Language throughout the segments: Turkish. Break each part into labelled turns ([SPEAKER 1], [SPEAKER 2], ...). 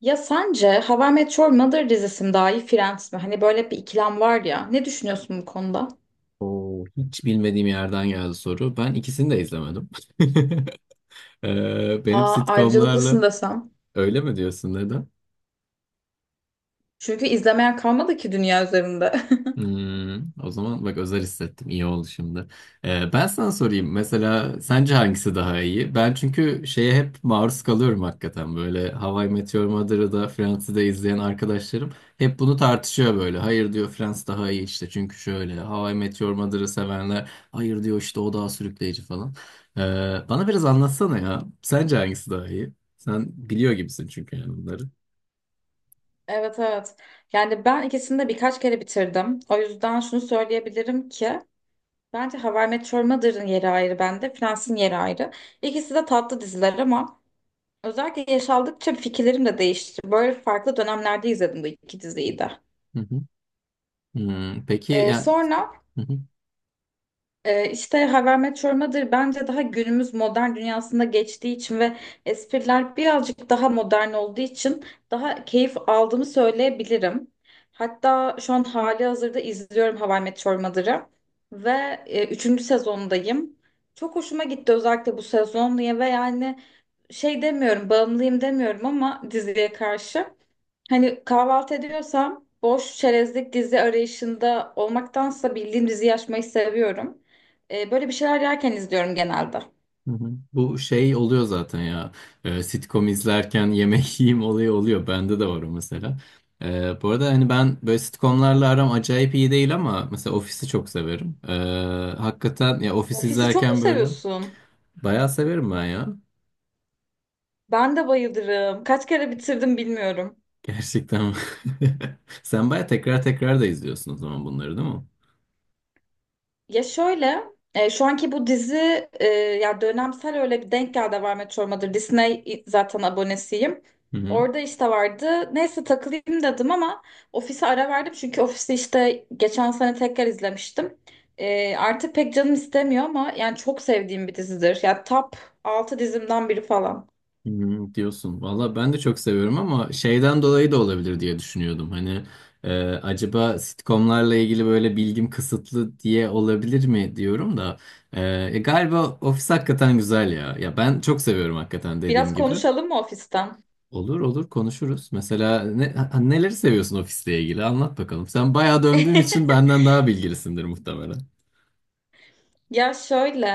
[SPEAKER 1] Ya sence How I Met Your Mother dizisi mi daha iyi Friends mi? Hani böyle bir ikilem var ya. Ne düşünüyorsun bu konuda?
[SPEAKER 2] Oo, hiç bilmediğim yerden geldi soru. Ben ikisini de izlemedim. Benim
[SPEAKER 1] Aa,
[SPEAKER 2] sitcomlarla
[SPEAKER 1] ayrıcalıklısın desem.
[SPEAKER 2] Öyle mi diyorsun, neden?
[SPEAKER 1] Çünkü izlemeyen kalmadı ki dünya üzerinde.
[SPEAKER 2] O zaman bak özel hissettim. İyi oldu şimdi. Ben sana sorayım. Mesela sence hangisi daha iyi? Ben çünkü şeye hep maruz kalıyorum hakikaten. Böyle How I Met Your Mother'ı da Friends'i de izleyen arkadaşlarım hep bunu tartışıyor böyle. Hayır diyor, Friends daha iyi işte. Çünkü şöyle, How I Met Your Mother'ı sevenler hayır diyor işte, o daha sürükleyici falan. Ee, Bana biraz anlatsana ya. Sence hangisi daha iyi? Sen biliyor gibisin çünkü yani bunları.
[SPEAKER 1] Evet evet. Yani ben ikisini de birkaç kere bitirdim. O yüzden şunu söyleyebilirim ki bence How I Met Your Mother'ın yeri ayrı bende. Friends'in yeri ayrı. İkisi de tatlı diziler ama özellikle yaş aldıkça fikirlerim de değişti. Böyle farklı dönemlerde izledim bu iki diziyi de.
[SPEAKER 2] Hı hı. Peki yani...
[SPEAKER 1] Sonra işte Haber Met Your Mother bence daha günümüz modern dünyasında geçtiği için ve espriler birazcık daha modern olduğu için daha keyif aldığımı söyleyebilirim. Hatta şu an hali hazırda izliyorum Haber Met Your Mother'ı ve üçüncü sezondayım. Çok hoşuma gitti özellikle bu sezon diye ve yani şey demiyorum bağımlıyım demiyorum ama diziye karşı. Hani kahvaltı ediyorsam boş çerezlik dizi arayışında olmaktansa bildiğim diziyi açmayı seviyorum. Böyle bir şeyler yerken izliyorum genelde.
[SPEAKER 2] Hı hı. Bu şey oluyor zaten ya. Sitcom izlerken yemek yiyeyim olayı oluyor. Bende de var o mesela. Bu arada hani ben böyle sitcomlarla aram acayip iyi değil ama mesela Office'i çok severim. Hakikaten ya, Office
[SPEAKER 1] Ofisi çok mu
[SPEAKER 2] izlerken böyle
[SPEAKER 1] seviyorsun?
[SPEAKER 2] bayağı severim ben ya.
[SPEAKER 1] Ben de bayılırım. Kaç kere bitirdim bilmiyorum.
[SPEAKER 2] Gerçekten. Sen bayağı tekrar tekrar da izliyorsun o zaman bunları, değil
[SPEAKER 1] Ya şöyle, şu anki bu dizi ya dönemsel öyle bir denk geldi var Meteor Mother. Disney zaten abonesiyim.
[SPEAKER 2] mi?
[SPEAKER 1] Orada işte vardı. Neyse takılayım dedim ama ofise ara verdim. Çünkü ofisi işte geçen sene tekrar izlemiştim. Artık pek canım istemiyor ama yani çok sevdiğim bir dizidir. Ya top 6 dizimden biri falan.
[SPEAKER 2] Diyorsun. Valla ben de çok seviyorum ama şeyden dolayı da olabilir diye düşünüyordum. Hani acaba sitcomlarla ilgili böyle bilgim kısıtlı diye olabilir mi diyorum da. E, galiba Office hakikaten güzel ya. Ya ben çok seviyorum hakikaten,
[SPEAKER 1] Biraz
[SPEAKER 2] dediğim gibi.
[SPEAKER 1] konuşalım mı ofisten?
[SPEAKER 2] Olur olur, konuşuruz. Mesela, neleri seviyorsun Office'le ilgili? Anlat bakalım. Sen bayağı döndüğün için benden daha bilgilisindir muhtemelen.
[SPEAKER 1] Ya şöyle,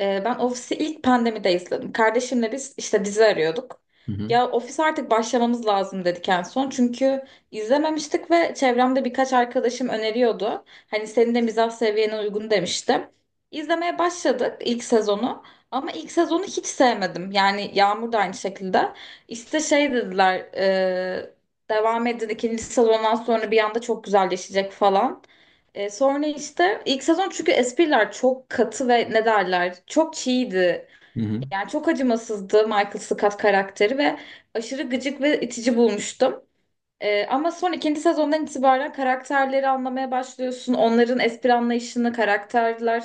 [SPEAKER 1] ben Ofis'i ilk pandemide izledim. Kardeşimle biz işte dizi arıyorduk.
[SPEAKER 2] Hı hı.
[SPEAKER 1] Ya Ofis artık başlamamız lazım dedik en son. Çünkü izlememiştik ve çevremde birkaç arkadaşım öneriyordu. Hani senin de mizah seviyene uygun demişti. İzlemeye başladık ilk sezonu. Ama ilk sezonu hiç sevmedim. Yani Yağmur da aynı şekilde. İşte şey dediler, devam edin ikinci sezondan sonra bir anda çok güzelleşecek falan. Sonra işte ilk sezon çünkü espriler çok katı ve ne derler çok çiğdi.
[SPEAKER 2] Hı hı.
[SPEAKER 1] Yani çok acımasızdı Michael Scott karakteri ve aşırı gıcık ve itici bulmuştum. Ama son ikinci sezondan itibaren karakterleri anlamaya başlıyorsun. Onların espri anlayışını, karakterler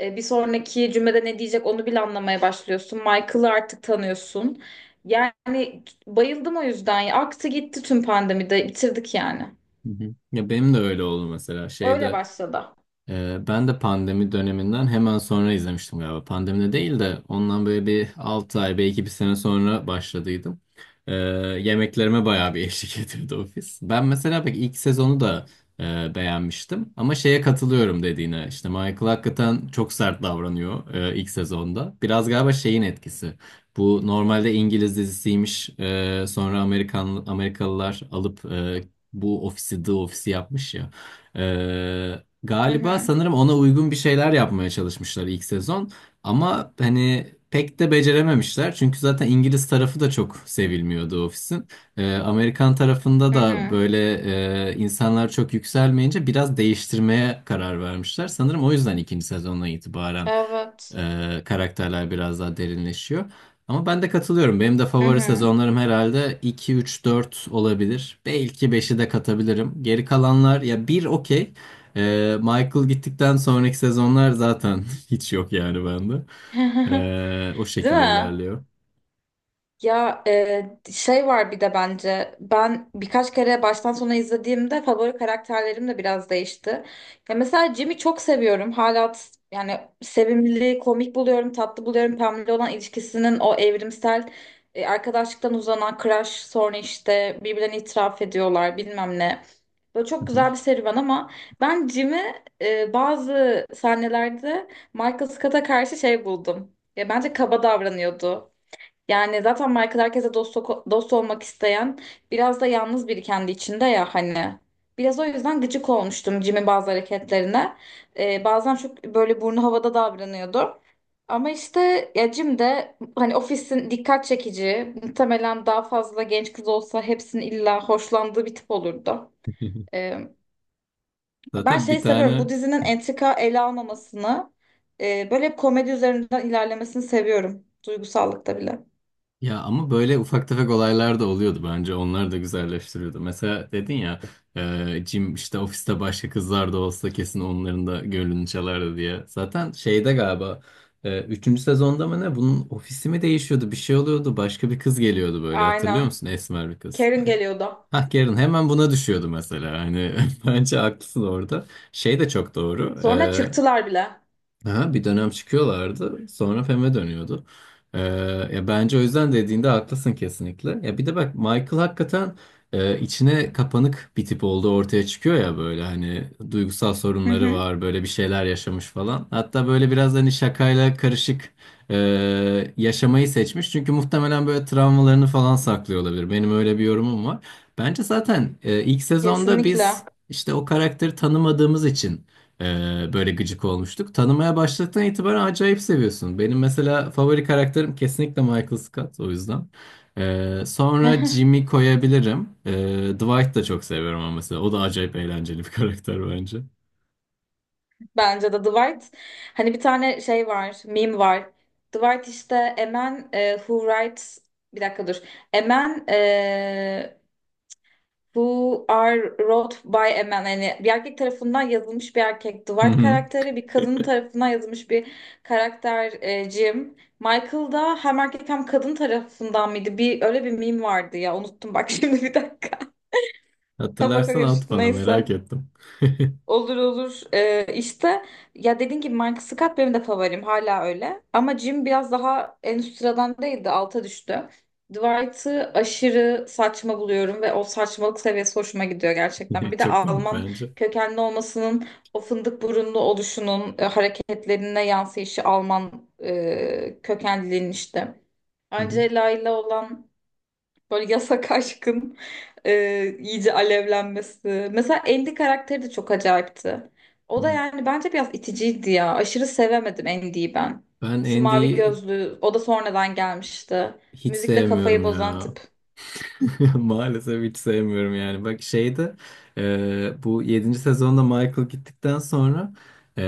[SPEAKER 1] bir sonraki cümlede ne diyecek onu bile anlamaya başlıyorsun. Michael'ı artık tanıyorsun. Yani bayıldım o yüzden. Ya. Aktı gitti tüm pandemide bitirdik yani.
[SPEAKER 2] Hı hı. Ya benim de öyle oldu mesela
[SPEAKER 1] Öyle
[SPEAKER 2] şeyde.
[SPEAKER 1] başladı.
[SPEAKER 2] Ben de pandemi döneminden hemen sonra izlemiştim galiba. Pandemide değil de ondan böyle bir 6 ay belki bir sene sonra başladıydım. Ee, Yemeklerime bayağı bir eşlik ediyordu ofis. Ben mesela pek ilk sezonu da beğenmiştim. Ama şeye katılıyorum dediğine. İşte Michael hakikaten çok sert davranıyor ilk sezonda. Biraz galiba şeyin etkisi. Bu normalde İngiliz dizisiymiş. Sonra Amerikalılar alıp bu ofisi, The Office'i yapmış ya. Ee,
[SPEAKER 1] Hı
[SPEAKER 2] Galiba
[SPEAKER 1] hı.
[SPEAKER 2] sanırım ona uygun bir şeyler yapmaya çalışmışlar ilk sezon. Ama hani pek de becerememişler. Çünkü zaten İngiliz tarafı da çok sevilmiyordu ofisin. Amerikan tarafında
[SPEAKER 1] Hı
[SPEAKER 2] da
[SPEAKER 1] hı.
[SPEAKER 2] böyle insanlar çok yükselmeyince biraz değiştirmeye karar vermişler. Sanırım o yüzden ikinci sezondan itibaren
[SPEAKER 1] Evet.
[SPEAKER 2] karakterler biraz daha derinleşiyor. Ama ben de katılıyorum. Benim de
[SPEAKER 1] Hı
[SPEAKER 2] favori
[SPEAKER 1] hı.
[SPEAKER 2] sezonlarım herhalde iki, üç, 4 olabilir. Belki beşi de katabilirim. Geri kalanlar ya, bir okey. Michael gittikten sonraki sezonlar zaten hiç yok yani bende. O
[SPEAKER 1] Değil
[SPEAKER 2] şekilde
[SPEAKER 1] mi?
[SPEAKER 2] ilerliyor.
[SPEAKER 1] Ya şey var bir de bence ben birkaç kere baştan sona izlediğimde favori karakterlerim de biraz değişti. Ya mesela Jimmy çok seviyorum. Hala yani sevimli, komik buluyorum, tatlı buluyorum. Pamela olan ilişkisinin o evrimsel arkadaşlıktan uzanan crush sonra işte birbirlerine itiraf ediyorlar bilmem ne. Böyle
[SPEAKER 2] Hı
[SPEAKER 1] çok
[SPEAKER 2] hı.
[SPEAKER 1] güzel bir serüven ama ben Jimmy bazı sahnelerde Michael Scott'a karşı şey buldum. Ya bence kaba davranıyordu. Yani zaten Michael herkese dost, dost olmak isteyen biraz da yalnız biri kendi içinde ya hani. Biraz o yüzden gıcık olmuştum Jim'in bazı hareketlerine. Bazen çok böyle burnu havada davranıyordu. Ama işte ya Jim de hani ofisin dikkat çekici, muhtemelen daha fazla genç kız olsa hepsinin illa hoşlandığı bir tip olurdu. Ben
[SPEAKER 2] Zaten
[SPEAKER 1] şeyi
[SPEAKER 2] bir
[SPEAKER 1] seviyorum. Bu
[SPEAKER 2] tane.
[SPEAKER 1] dizinin entrika ele almamasını, böyle hep komedi üzerinden ilerlemesini seviyorum. Duygusallıkta bile.
[SPEAKER 2] Ya ama böyle ufak tefek olaylar da oluyordu bence. Onlar da güzelleştiriyordu. Mesela dedin ya, Jim işte ofiste başka kızlar da olsa kesin onların da gönlünü çalardı diye. Zaten şeyde galiba üçüncü sezonda mı ne, bunun ofisi mi değişiyordu, bir şey oluyordu. Başka bir kız geliyordu böyle, hatırlıyor
[SPEAKER 1] Aynen.
[SPEAKER 2] musun? Esmer bir kız.
[SPEAKER 1] Karen geliyordu.
[SPEAKER 2] Hah, Karen hemen buna düşüyordu mesela. Hani bence haklısın orada. Şey de çok doğru.
[SPEAKER 1] Sonra çıktılar bile.
[SPEAKER 2] Ha, bir dönem çıkıyorlardı. Sonra Fem'e dönüyordu. Ee, Ya bence o yüzden dediğinde haklısın kesinlikle. Ya bir de bak, Michael hakikaten içine kapanık bir tip olduğu ortaya çıkıyor ya, böyle hani duygusal
[SPEAKER 1] Hı
[SPEAKER 2] sorunları
[SPEAKER 1] hı.
[SPEAKER 2] var, böyle bir şeyler yaşamış falan. Hatta böyle biraz hani şakayla karışık e, yaşamayı seçmiş. Çünkü muhtemelen böyle travmalarını falan saklıyor olabilir. Benim öyle bir yorumum var. Bence zaten ilk sezonda
[SPEAKER 1] Kesinlikle.
[SPEAKER 2] biz işte o karakteri tanımadığımız için böyle gıcık olmuştuk. Tanımaya başladıktan itibaren acayip seviyorsun. Benim mesela favori karakterim kesinlikle Michael Scott, o yüzden. Sonra Jimmy koyabilirim. Dwight da çok seviyorum ama mesela. O da acayip eğlenceli bir karakter bence.
[SPEAKER 1] Bence de Dwight. Hani bir tane şey var, meme var. Dwight işte a man who writes bir dakika dur. A man Who Are Wrote by a Man. Yani bir erkek tarafından yazılmış bir erkek
[SPEAKER 2] Hı
[SPEAKER 1] Dwight
[SPEAKER 2] hı.
[SPEAKER 1] karakteri, bir kadın tarafından yazılmış bir karakter Jim. Michael da hem erkek hem kadın tarafından mıydı? Bir öyle bir meme vardı ya. Unuttum bak şimdi bir dakika. Kafa
[SPEAKER 2] Hatırlarsan at
[SPEAKER 1] karıştı
[SPEAKER 2] bana, merak
[SPEAKER 1] neyse.
[SPEAKER 2] ettim.
[SPEAKER 1] Olur olur. İşte ya dediğin gibi Michael Scott benim de favorim hala öyle. Ama Jim biraz daha en üst sıradan değildi alta düştü. Dwight'ı aşırı saçma buluyorum ve o saçmalık seviyesi hoşuma gidiyor gerçekten. Bir de
[SPEAKER 2] Çok komik
[SPEAKER 1] Alman
[SPEAKER 2] bence.
[SPEAKER 1] kökenli olmasının o fındık burunlu oluşunun hareketlerine yansıyışı Alman kökenliliğin işte.
[SPEAKER 2] Hı hı.
[SPEAKER 1] Angela ile olan böyle yasak aşkın iyice alevlenmesi. Mesela Andy karakteri de çok acayipti. O da yani bence biraz iticiydi ya. Aşırı sevemedim Andy'yi ben.
[SPEAKER 2] Ben
[SPEAKER 1] Şu mavi
[SPEAKER 2] Andy'yi
[SPEAKER 1] gözlü, o da sonradan gelmişti.
[SPEAKER 2] hiç
[SPEAKER 1] Müzikle kafayı
[SPEAKER 2] sevmiyorum
[SPEAKER 1] bozan
[SPEAKER 2] ya.
[SPEAKER 1] tip.
[SPEAKER 2] Maalesef hiç sevmiyorum yani. Bak şeyde bu yedinci sezonda Michael gittikten sonra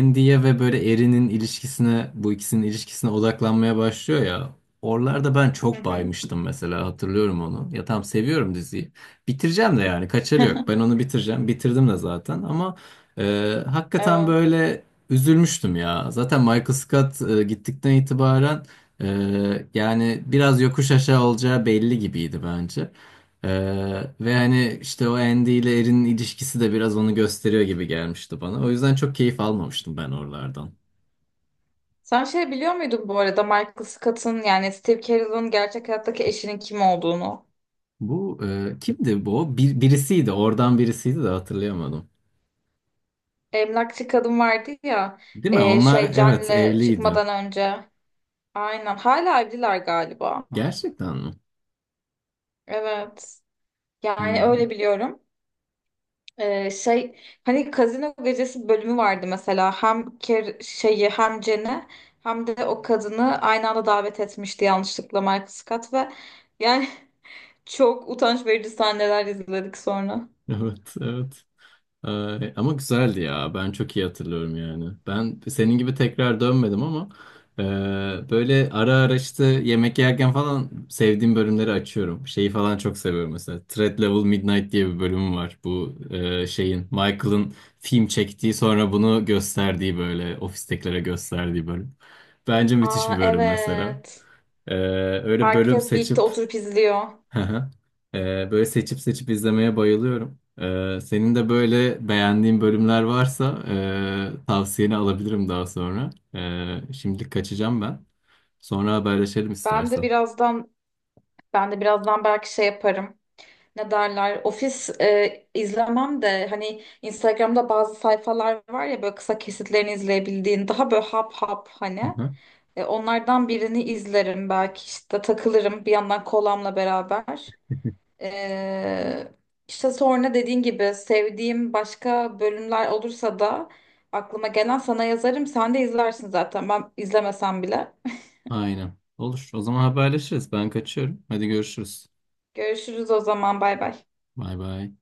[SPEAKER 2] Andy'ye ve böyle Erin'in ilişkisine, bu ikisinin ilişkisine odaklanmaya başlıyor ya. Oralarda ben
[SPEAKER 1] Hı
[SPEAKER 2] çok
[SPEAKER 1] hı.
[SPEAKER 2] baymıştım mesela, hatırlıyorum onu. Ya tam seviyorum diziyi. Bitireceğim de yani, kaçarı yok. Ben onu bitireceğim. Bitirdim de zaten ama e, hakikaten
[SPEAKER 1] Evet.
[SPEAKER 2] böyle üzülmüştüm ya. Zaten Michael Scott gittikten itibaren yani biraz yokuş aşağı olacağı belli gibiydi bence. Ve hani işte o Andy ile Erin'in ilişkisi de biraz onu gösteriyor gibi gelmişti bana. O yüzden çok keyif almamıştım ben oralardan.
[SPEAKER 1] Sen şey biliyor muydun bu arada Michael Scott'ın yani Steve Carell'ın gerçek hayattaki eşinin kim olduğunu?
[SPEAKER 2] Bu kimdi bu? Birisiydi. Oradan birisiydi de hatırlayamadım.
[SPEAKER 1] Emlakçı kadın vardı ya
[SPEAKER 2] Değil mi? Onlar
[SPEAKER 1] şey
[SPEAKER 2] evet
[SPEAKER 1] John'le
[SPEAKER 2] evliydi.
[SPEAKER 1] çıkmadan önce. Aynen. Hala evliler galiba.
[SPEAKER 2] Gerçekten mi?
[SPEAKER 1] Evet. Yani
[SPEAKER 2] Hmm,
[SPEAKER 1] öyle biliyorum. Şey, hani Kazino Gecesi bölümü vardı mesela. Hem Ker şeyi hem Cen'i hem de o kadını aynı anda davet etmişti yanlışlıkla Michael Scott ve yani çok utanç verici sahneler izledik sonra.
[SPEAKER 2] evet evet. Ama güzeldi ya. Ben çok iyi hatırlıyorum yani. Ben senin gibi tekrar dönmedim ama böyle ara ara işte yemek yerken falan sevdiğim bölümleri açıyorum. Şeyi falan çok seviyorum mesela. Threat Level Midnight diye bir bölümü var. Bu şeyin, Michael'ın film çektiği, sonra bunu gösterdiği, böyle ofistekilere gösterdiği bölüm. Bence müthiş bir
[SPEAKER 1] Aa
[SPEAKER 2] bölüm mesela.
[SPEAKER 1] evet.
[SPEAKER 2] Ee, Öyle bölüm
[SPEAKER 1] Herkes birlikte
[SPEAKER 2] seçip.
[SPEAKER 1] oturup izliyor.
[SPEAKER 2] Hı hı. Böyle seçip seçip izlemeye bayılıyorum. Senin de böyle beğendiğin bölümler varsa tavsiyeni alabilirim daha sonra. Şimdilik kaçacağım ben. Sonra haberleşelim
[SPEAKER 1] Ben de
[SPEAKER 2] istersen.
[SPEAKER 1] birazdan belki şey yaparım. Ne derler ofis izlemem de hani Instagram'da bazı sayfalar var ya böyle kısa kesitlerini izleyebildiğin daha böyle hap hap
[SPEAKER 2] Hı
[SPEAKER 1] hani.
[SPEAKER 2] hı.
[SPEAKER 1] Onlardan birini izlerim belki işte takılırım bir yandan kolamla beraber. E, işte sonra dediğin gibi sevdiğim başka bölümler olursa da aklıma gelen sana yazarım sen de izlersin zaten ben izlemesem bile.
[SPEAKER 2] Aynen. Olur. O zaman haberleşiriz. Ben kaçıyorum. Hadi görüşürüz.
[SPEAKER 1] Görüşürüz o zaman, bay bay.
[SPEAKER 2] Bay bay.